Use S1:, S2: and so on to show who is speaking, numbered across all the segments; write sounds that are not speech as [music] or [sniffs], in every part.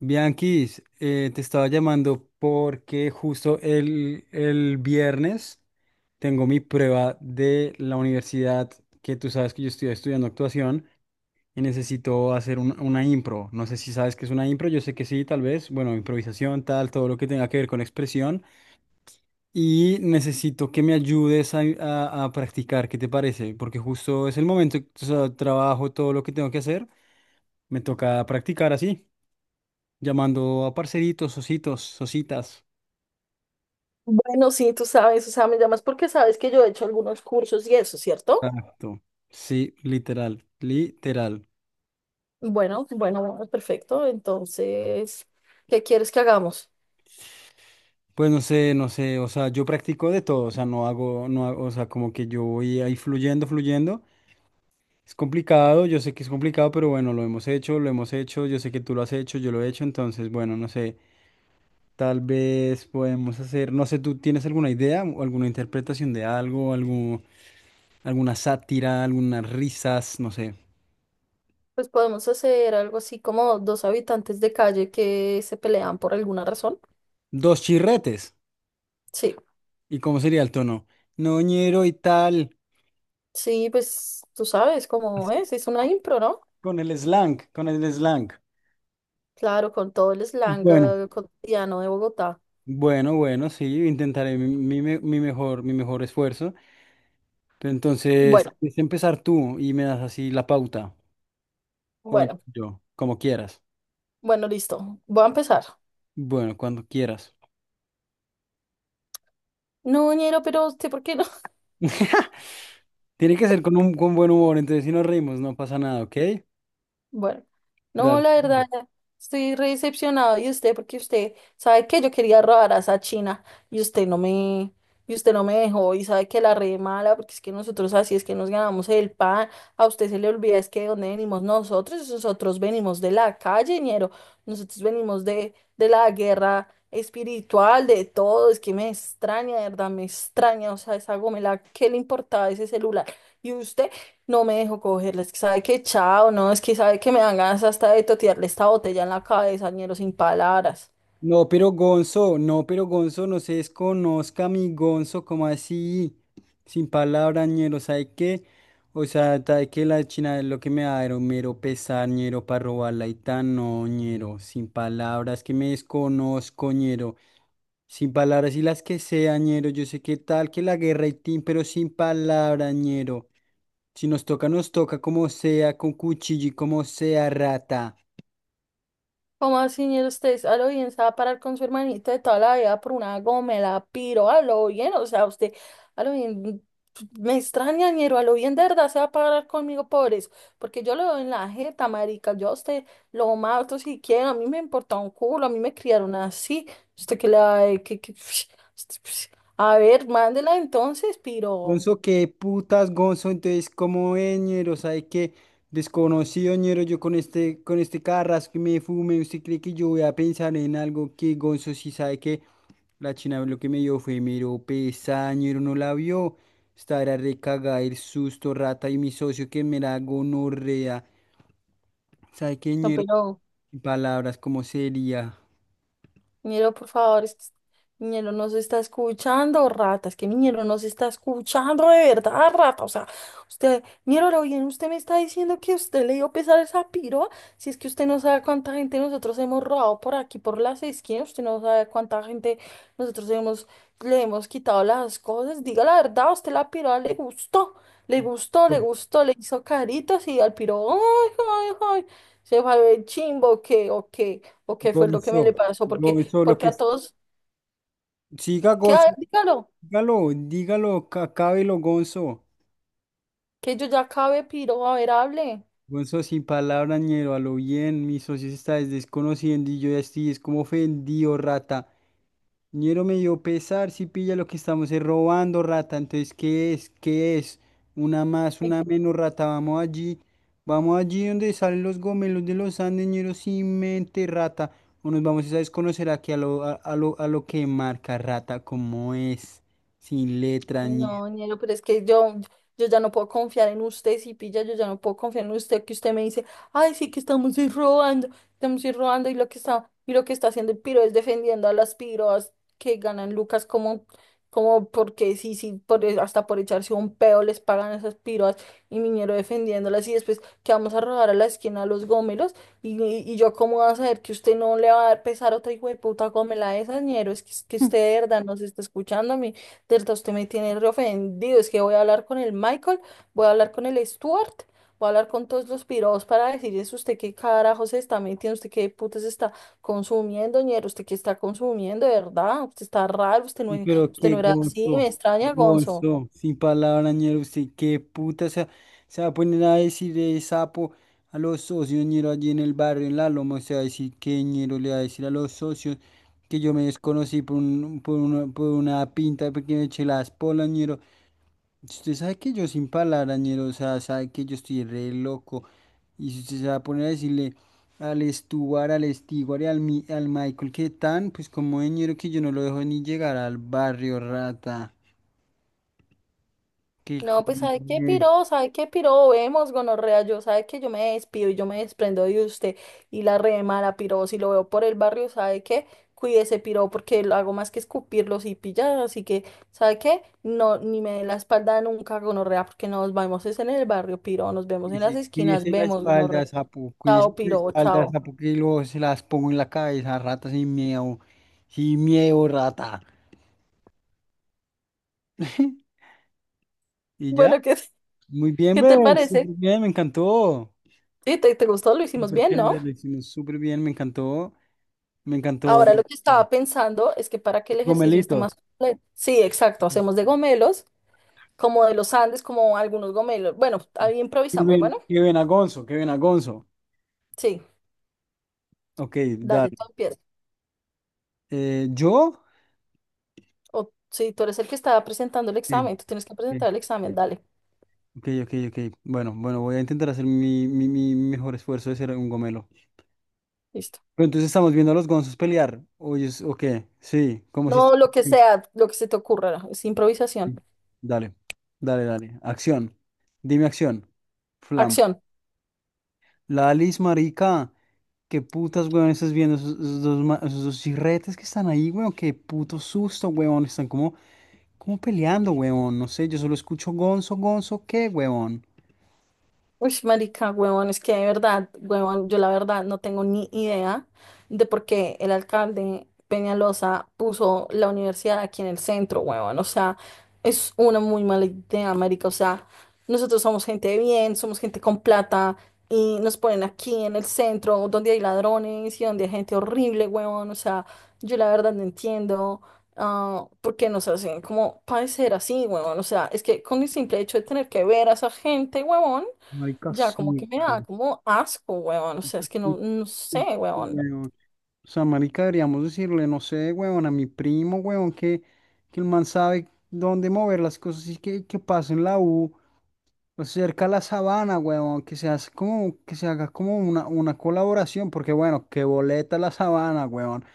S1: Bianquis, te estaba llamando porque justo el viernes tengo mi prueba de la universidad, que tú sabes que yo estoy estudiando actuación y necesito hacer una impro. No sé si sabes qué es una impro, yo sé que sí, tal vez. Bueno, improvisación, tal, todo lo que tenga que ver con expresión. Y necesito que me ayudes a practicar, ¿qué te parece? Porque justo es el momento, o sea, trabajo, todo lo que tengo que hacer, me toca practicar así. Llamando a parceritos, ositos, ositas.
S2: Bueno, sí, tú sabes, o sea, me llamas porque sabes que yo he hecho algunos cursos y eso, ¿cierto?
S1: Exacto. Sí, literal, literal.
S2: Bueno, perfecto. Entonces, ¿qué quieres que hagamos?
S1: Pues no sé, o sea, yo practico de todo, o sea, no hago, o sea, como que yo voy ahí fluyendo, fluyendo. Es complicado, yo sé que es complicado, pero bueno, lo hemos hecho, yo sé que tú lo has hecho, yo lo he hecho, entonces, bueno, no sé, tal vez podemos hacer, no sé, ¿tú tienes alguna idea o alguna interpretación de algo, algo, alguna sátira, algunas risas, no sé?
S2: Pues podemos hacer algo así como dos habitantes de calle que se pelean por alguna razón.
S1: Dos chirretes.
S2: Sí,
S1: ¿Y cómo sería el tono? Noñero y tal.
S2: sí, pues tú sabes cómo
S1: Así.
S2: es una impro, ¿no?
S1: Con el slang, con el slang.
S2: Claro, con todo el slang
S1: Bueno,
S2: cotidiano de Bogotá.
S1: bueno, bueno, sí, intentaré mi mejor esfuerzo. Pero entonces,
S2: Bueno,
S1: es empezar tú y me das así la pauta, o
S2: bueno,
S1: yo, como quieras.
S2: bueno, listo. Voy a empezar.
S1: Bueno, cuando quieras.
S2: No, ñero, pero usted, ¿por qué no?
S1: [laughs] Tiene que ser con un con buen humor, entonces si nos reímos no pasa nada, ¿ok?
S2: Bueno, no,
S1: Dale.
S2: la verdad, estoy re decepcionada de usted porque usted sabe que yo quería robar a esa china y usted no me dejó y sabe que la re mala porque es que nosotros así es que nos ganamos el pan, a usted se le olvida es que de dónde venimos nosotros, nosotros venimos de la calle, ñero, nosotros venimos de la guerra espiritual, de todo, es que me extraña, de verdad, me extraña, o sea, esa gomela, ¿qué le importaba ese celular? Y usted. No me dejó cogerla, es que sabe que chao, no, es que sabe que me dan ganas hasta de totearle esta botella en la cabeza, ñero, sin palabras.
S1: No, pero Gonzo, no, pero Gonzo, no se desconozca mi Gonzo, como así? Sin palabras, ñero, ¿sabe qué? O sea, ¿sabe que la China es lo que me da era un mero pesar, ñero, para robarla y tan, no, ñero, sin palabras, que me desconozco, ñero, sin palabras y las que sea, ñero, yo sé que tal, que la guerra y tin, pero sin palabras, ñero, si nos toca, nos toca como sea, con cuchillo y como sea, rata.
S2: ¿Cómo así, ñero, usted a lo bien se va a parar con su hermanito de toda la vida por una gomela, piro, a lo bien, o sea, usted, a lo bien, me extraña, ñero, a lo bien de verdad se va a parar conmigo por eso, porque yo lo veo en la jeta, marica, yo a usted lo mato si quiero, a mí me importa un culo, a mí me criaron así, usted que le va a... [sniffs] a ver, mándela entonces, piro.
S1: Gonzo, qué putas, Gonzo. Entonces, ¿cómo es, ñero? ¿Sabe qué? Desconocido, ñero, yo con este carrasco que me fume, ¿usted cree que yo voy a pensar en algo que Gonzo sí sabe que la china lo que me dio fue mero pesada, ñero, no la vio? Estará recagada el susto, rata, y mi socio que me la gonorrea. ¿Sabe qué,
S2: No,
S1: ñero?
S2: pero,
S1: Palabras, ¿cómo sería?
S2: Miñero, por favor, es que Miñero no se está escuchando, rata. Es que Miñero no se está escuchando de verdad, rata. O sea, usted, Miñero, ahora bien, usted me está diciendo que usted le dio pesar a esa piroa. Si es que usted no sabe cuánta gente nosotros hemos robado por aquí, por las esquinas, usted no sabe cuánta gente nosotros hemos, le hemos quitado las cosas. Diga la verdad, a usted la piroa le gustó, le gustó, le hizo caritas y al piro, ay, ay, ay. Se fue a ver chimbo, ¿o qué? ¿O qué? ¿O qué fue lo que me le
S1: Gonzo,
S2: pasó? Porque
S1: Gonzo, lo
S2: porque
S1: que...
S2: a todos,
S1: Siga,
S2: ¿qué? A
S1: Gonzo.
S2: ver, dígalo,
S1: Dígalo, dígalo, acábelo, Gonzo.
S2: que yo ya acabé, piro, a ver, hable.
S1: Gonzo, sin palabras, ñero, a lo bien, mi socio se está desconociendo y yo ya estoy, es como ofendido, rata. Ñero me dio pesar, si pilla lo que estamos es robando, rata. Entonces, ¿qué es? ¿Qué es? Una más, una menos, rata. Vamos allí donde salen los gomelos de los Andes, ñero, sin mente, rata. O nos vamos a desconocer aquí a lo que marca, rata, como es, sin letra, ñero.
S2: No, ñero, pero es que yo ya no puedo confiar en usted, si pilla, yo ya no puedo confiar en usted que usted me dice, ay, sí que estamos ir robando, y lo que está haciendo el piro es defendiendo a las piroas que ganan lucas como, como porque sí, sí, por, e, hasta por echarse un peo les pagan a esas piroas, y Miñero defendiéndolas, y después que vamos a robar a la esquina a los gómelos, y yo cómo voy a saber que usted no le va a dar pesar a otra hijo de puta gómela de esas, ñero, es que usted de verdad nos está escuchando, Delta, usted me tiene re ofendido. Es que voy a hablar con el Michael, voy a hablar con el Stuart, voy a hablar con todos los pirados para decirles usted qué carajo se está metiendo, usted qué puta se está consumiendo, ñero, usted qué está consumiendo, de verdad. Usted está raro,
S1: Y pero
S2: usted
S1: qué
S2: no era así, me
S1: gozo,
S2: extraña, Gonzo.
S1: gozo, sin palabra, ñero, usted qué puta, o sea, se va a poner a decir de sapo a los socios, ñero, allí en el barrio, en la loma, se va a decir que ñero le va a decir a los socios que yo me desconocí por una pinta porque me eché las polas, ñero. Usted sabe que yo sin palabrañero, o sea, sabe que yo estoy re loco. Y si usted se va a poner a decirle al Stuart, al Stewart y al Michael que tan, pues como ñero que yo no lo dejo ni llegar al barrio, rata. Que
S2: No, pues
S1: cojones.
S2: sabe qué piro, vemos gonorrea, yo sabe que yo me despido y yo me desprendo de usted y la remara piro, si lo veo por el barrio, sabe qué, cuídese piro porque lo hago más que escupirlos y pillar, así que sabe qué, no, ni me dé la espalda nunca gonorrea porque nos vemos es en el barrio piro, nos vemos en las esquinas,
S1: Cuídese la
S2: vemos
S1: espalda,
S2: gonorrea,
S1: sapo. Cuídese
S2: chao
S1: la
S2: piro,
S1: espalda,
S2: chao.
S1: sapo, que luego se las pongo en la cabeza, rata, sin miedo. Sin miedo, rata. [laughs] Y ya.
S2: Bueno, ¿qué,
S1: Muy
S2: [laughs]
S1: bien,
S2: qué te
S1: bebé.
S2: parece?
S1: Súper bien, me encantó.
S2: Sí, te gustó, lo hicimos
S1: Súper
S2: bien, ¿no?
S1: chévere, lo hicimos súper bien, me encantó. Me encantó.
S2: Ahora lo que estaba pensando es que para que el ejercicio esté más
S1: Gomelitos.
S2: completo, sí, exacto, hacemos de gomelos, como de los Andes, como algunos gomelos. Bueno, ahí improvisamos,
S1: Kevin,
S2: bueno,
S1: Kevin Agonzo, Kevin Agonzo.
S2: sí,
S1: Ok,
S2: dale, tú
S1: dale.
S2: empiezas.
S1: ¿Yo?
S2: O sí, tú eres el que está presentando el
S1: Sí,
S2: examen, tú tienes que
S1: sí.
S2: presentar el examen, dale,
S1: Ok, ok, ok. Bueno, bueno, voy a intentar hacer mi mejor esfuerzo de ser un gomelo.
S2: listo.
S1: Pero entonces estamos viendo a los gonzos pelear. Oye, ok, sí, como si... sí,
S2: No, lo que
S1: sí.
S2: sea, lo que se te ocurra, es improvisación.
S1: Dale, dale. Acción. Dime acción. Flam.
S2: Acción.
S1: Lalis, marica, qué putas, weón, estás viendo esos dos chirretes que están ahí, weón, qué puto susto, weón, están como, como peleando, weón, no sé, yo solo escucho gonzo, gonzo, ¿qué, weón?
S2: Uy, marica, huevón, es que de verdad, huevón, yo la verdad no tengo ni idea de por qué el alcalde Peñalosa puso la universidad aquí en el centro, huevón. O sea, es una muy mala idea, marica. O sea, nosotros somos gente de bien, somos gente con plata y nos ponen aquí en el centro donde hay ladrones y donde hay gente horrible, huevón. O sea, yo la verdad no entiendo, por qué nos hacen como padecer así, huevón. O sea, es que con el simple hecho de tener que ver a esa gente, huevón.
S1: Marica,
S2: Ya, como
S1: sí,
S2: que me da
S1: weón,
S2: como asco, weón. O sea,
S1: marica,
S2: es que no,
S1: sí,
S2: no
S1: susto,
S2: sé, weón.
S1: weón. O sea, marica, deberíamos decirle, no sé, weón, a mi primo, weón, que el man sabe dónde mover las cosas y que pase en la U. Pues cerca a la sabana, huevón, que se hace como, que se haga como una colaboración, porque bueno, que boleta la sabana, huevón,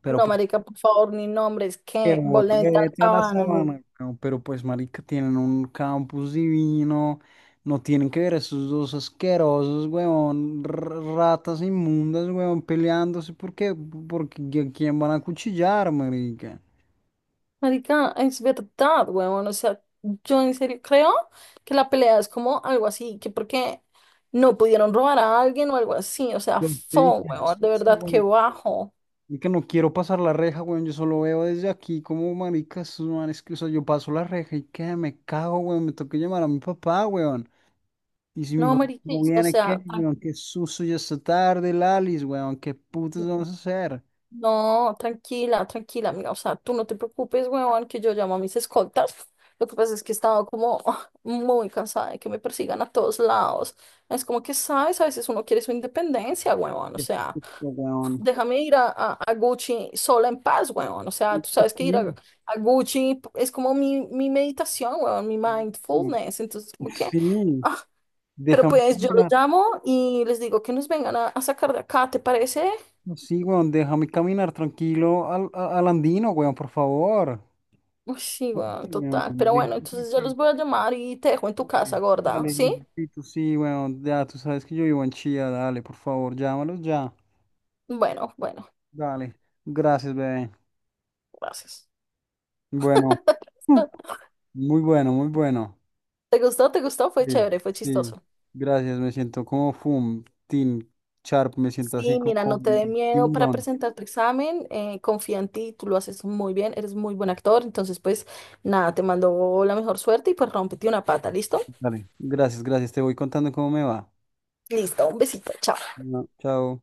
S1: pero
S2: No,
S1: pues
S2: marica, por favor, ni nombres,
S1: que
S2: que boleta la
S1: boleta la
S2: sabana, weón.
S1: sabana, weón, pero pues marica, tienen un campus divino, no tienen que ver a esos dos asquerosos, huevón, ratas inmundas, huevón, peleándose, ¿por qué? Porque ¿a quién van a cuchillar, marica?
S2: Marica, es verdad, weón. O sea, yo en serio creo que la pelea es como algo así, que porque no pudieron robar a alguien o algo así. O sea,
S1: Los
S2: fo,
S1: tickets,
S2: weón, de verdad, que bajo.
S1: y que no quiero pasar la reja, weón. Yo solo veo desde aquí como maricas, esos manes que, o sea, yo paso la reja y que me cago, weón. Me toca llamar a mi papá, weón. Y si mi
S2: No,
S1: papá
S2: marica,
S1: no
S2: o
S1: viene, ¿qué?
S2: sea, tranquilo.
S1: Weón, qué susto, ya está tarde, Lalis, weón. ¿Qué putas vamos a hacer?
S2: No, tranquila, tranquila, amiga. O sea, tú no te preocupes, huevón, que yo llamo a mis escoltas. Lo que pasa es que he estado como [laughs] muy cansada de que me persigan a todos lados. Es como que, ¿sabes? A veces uno quiere su independencia, huevón. O
S1: Qué
S2: sea,
S1: susto, weón.
S2: déjame ir a Gucci sola en paz, huevón. O sea,
S1: Y
S2: tú sabes que ir
S1: así,
S2: a Gucci es como mi meditación, huevón, mi mindfulness. Entonces, como que,
S1: sí,
S2: ah, pero
S1: déjame
S2: pues yo los
S1: caminar.
S2: llamo y les digo que nos vengan a sacar de acá, ¿te parece?
S1: No, sí, weón, déjame caminar tranquilo al andino, weón, por favor.
S2: Uy, sí, weón,
S1: Ay,
S2: total.
S1: weón,
S2: Pero bueno,
S1: déjame
S2: entonces yo los
S1: tranquilo.
S2: voy a llamar y te dejo en tu casa,
S1: Dale,
S2: gorda.
S1: dale,
S2: ¿Sí?
S1: necesito, sí, bueno, ya tú sabes que yo vivo en Chía, dale, por favor, llámalos ya.
S2: Bueno, bueno,
S1: Dale, gracias, bebé.
S2: gracias.
S1: Bueno, mm,
S2: Ah,
S1: muy bueno, muy bueno.
S2: ¿te gustó? ¿Te gustó? Fue
S1: Sí,
S2: chévere, fue
S1: sí,
S2: chistoso.
S1: gracias, me siento como Fum, Team Sharp, me siento así
S2: Sí, mira,
S1: como
S2: no te dé
S1: un
S2: miedo para
S1: tiburón.
S2: presentar tu examen, confía en ti, tú lo haces muy bien, eres muy buen actor. Entonces, pues nada, te mando la mejor suerte y pues rómpete una pata, ¿listo?
S1: Dale, gracias, gracias, te voy contando cómo me va.
S2: Listo, un besito, chao.
S1: Bueno, chao.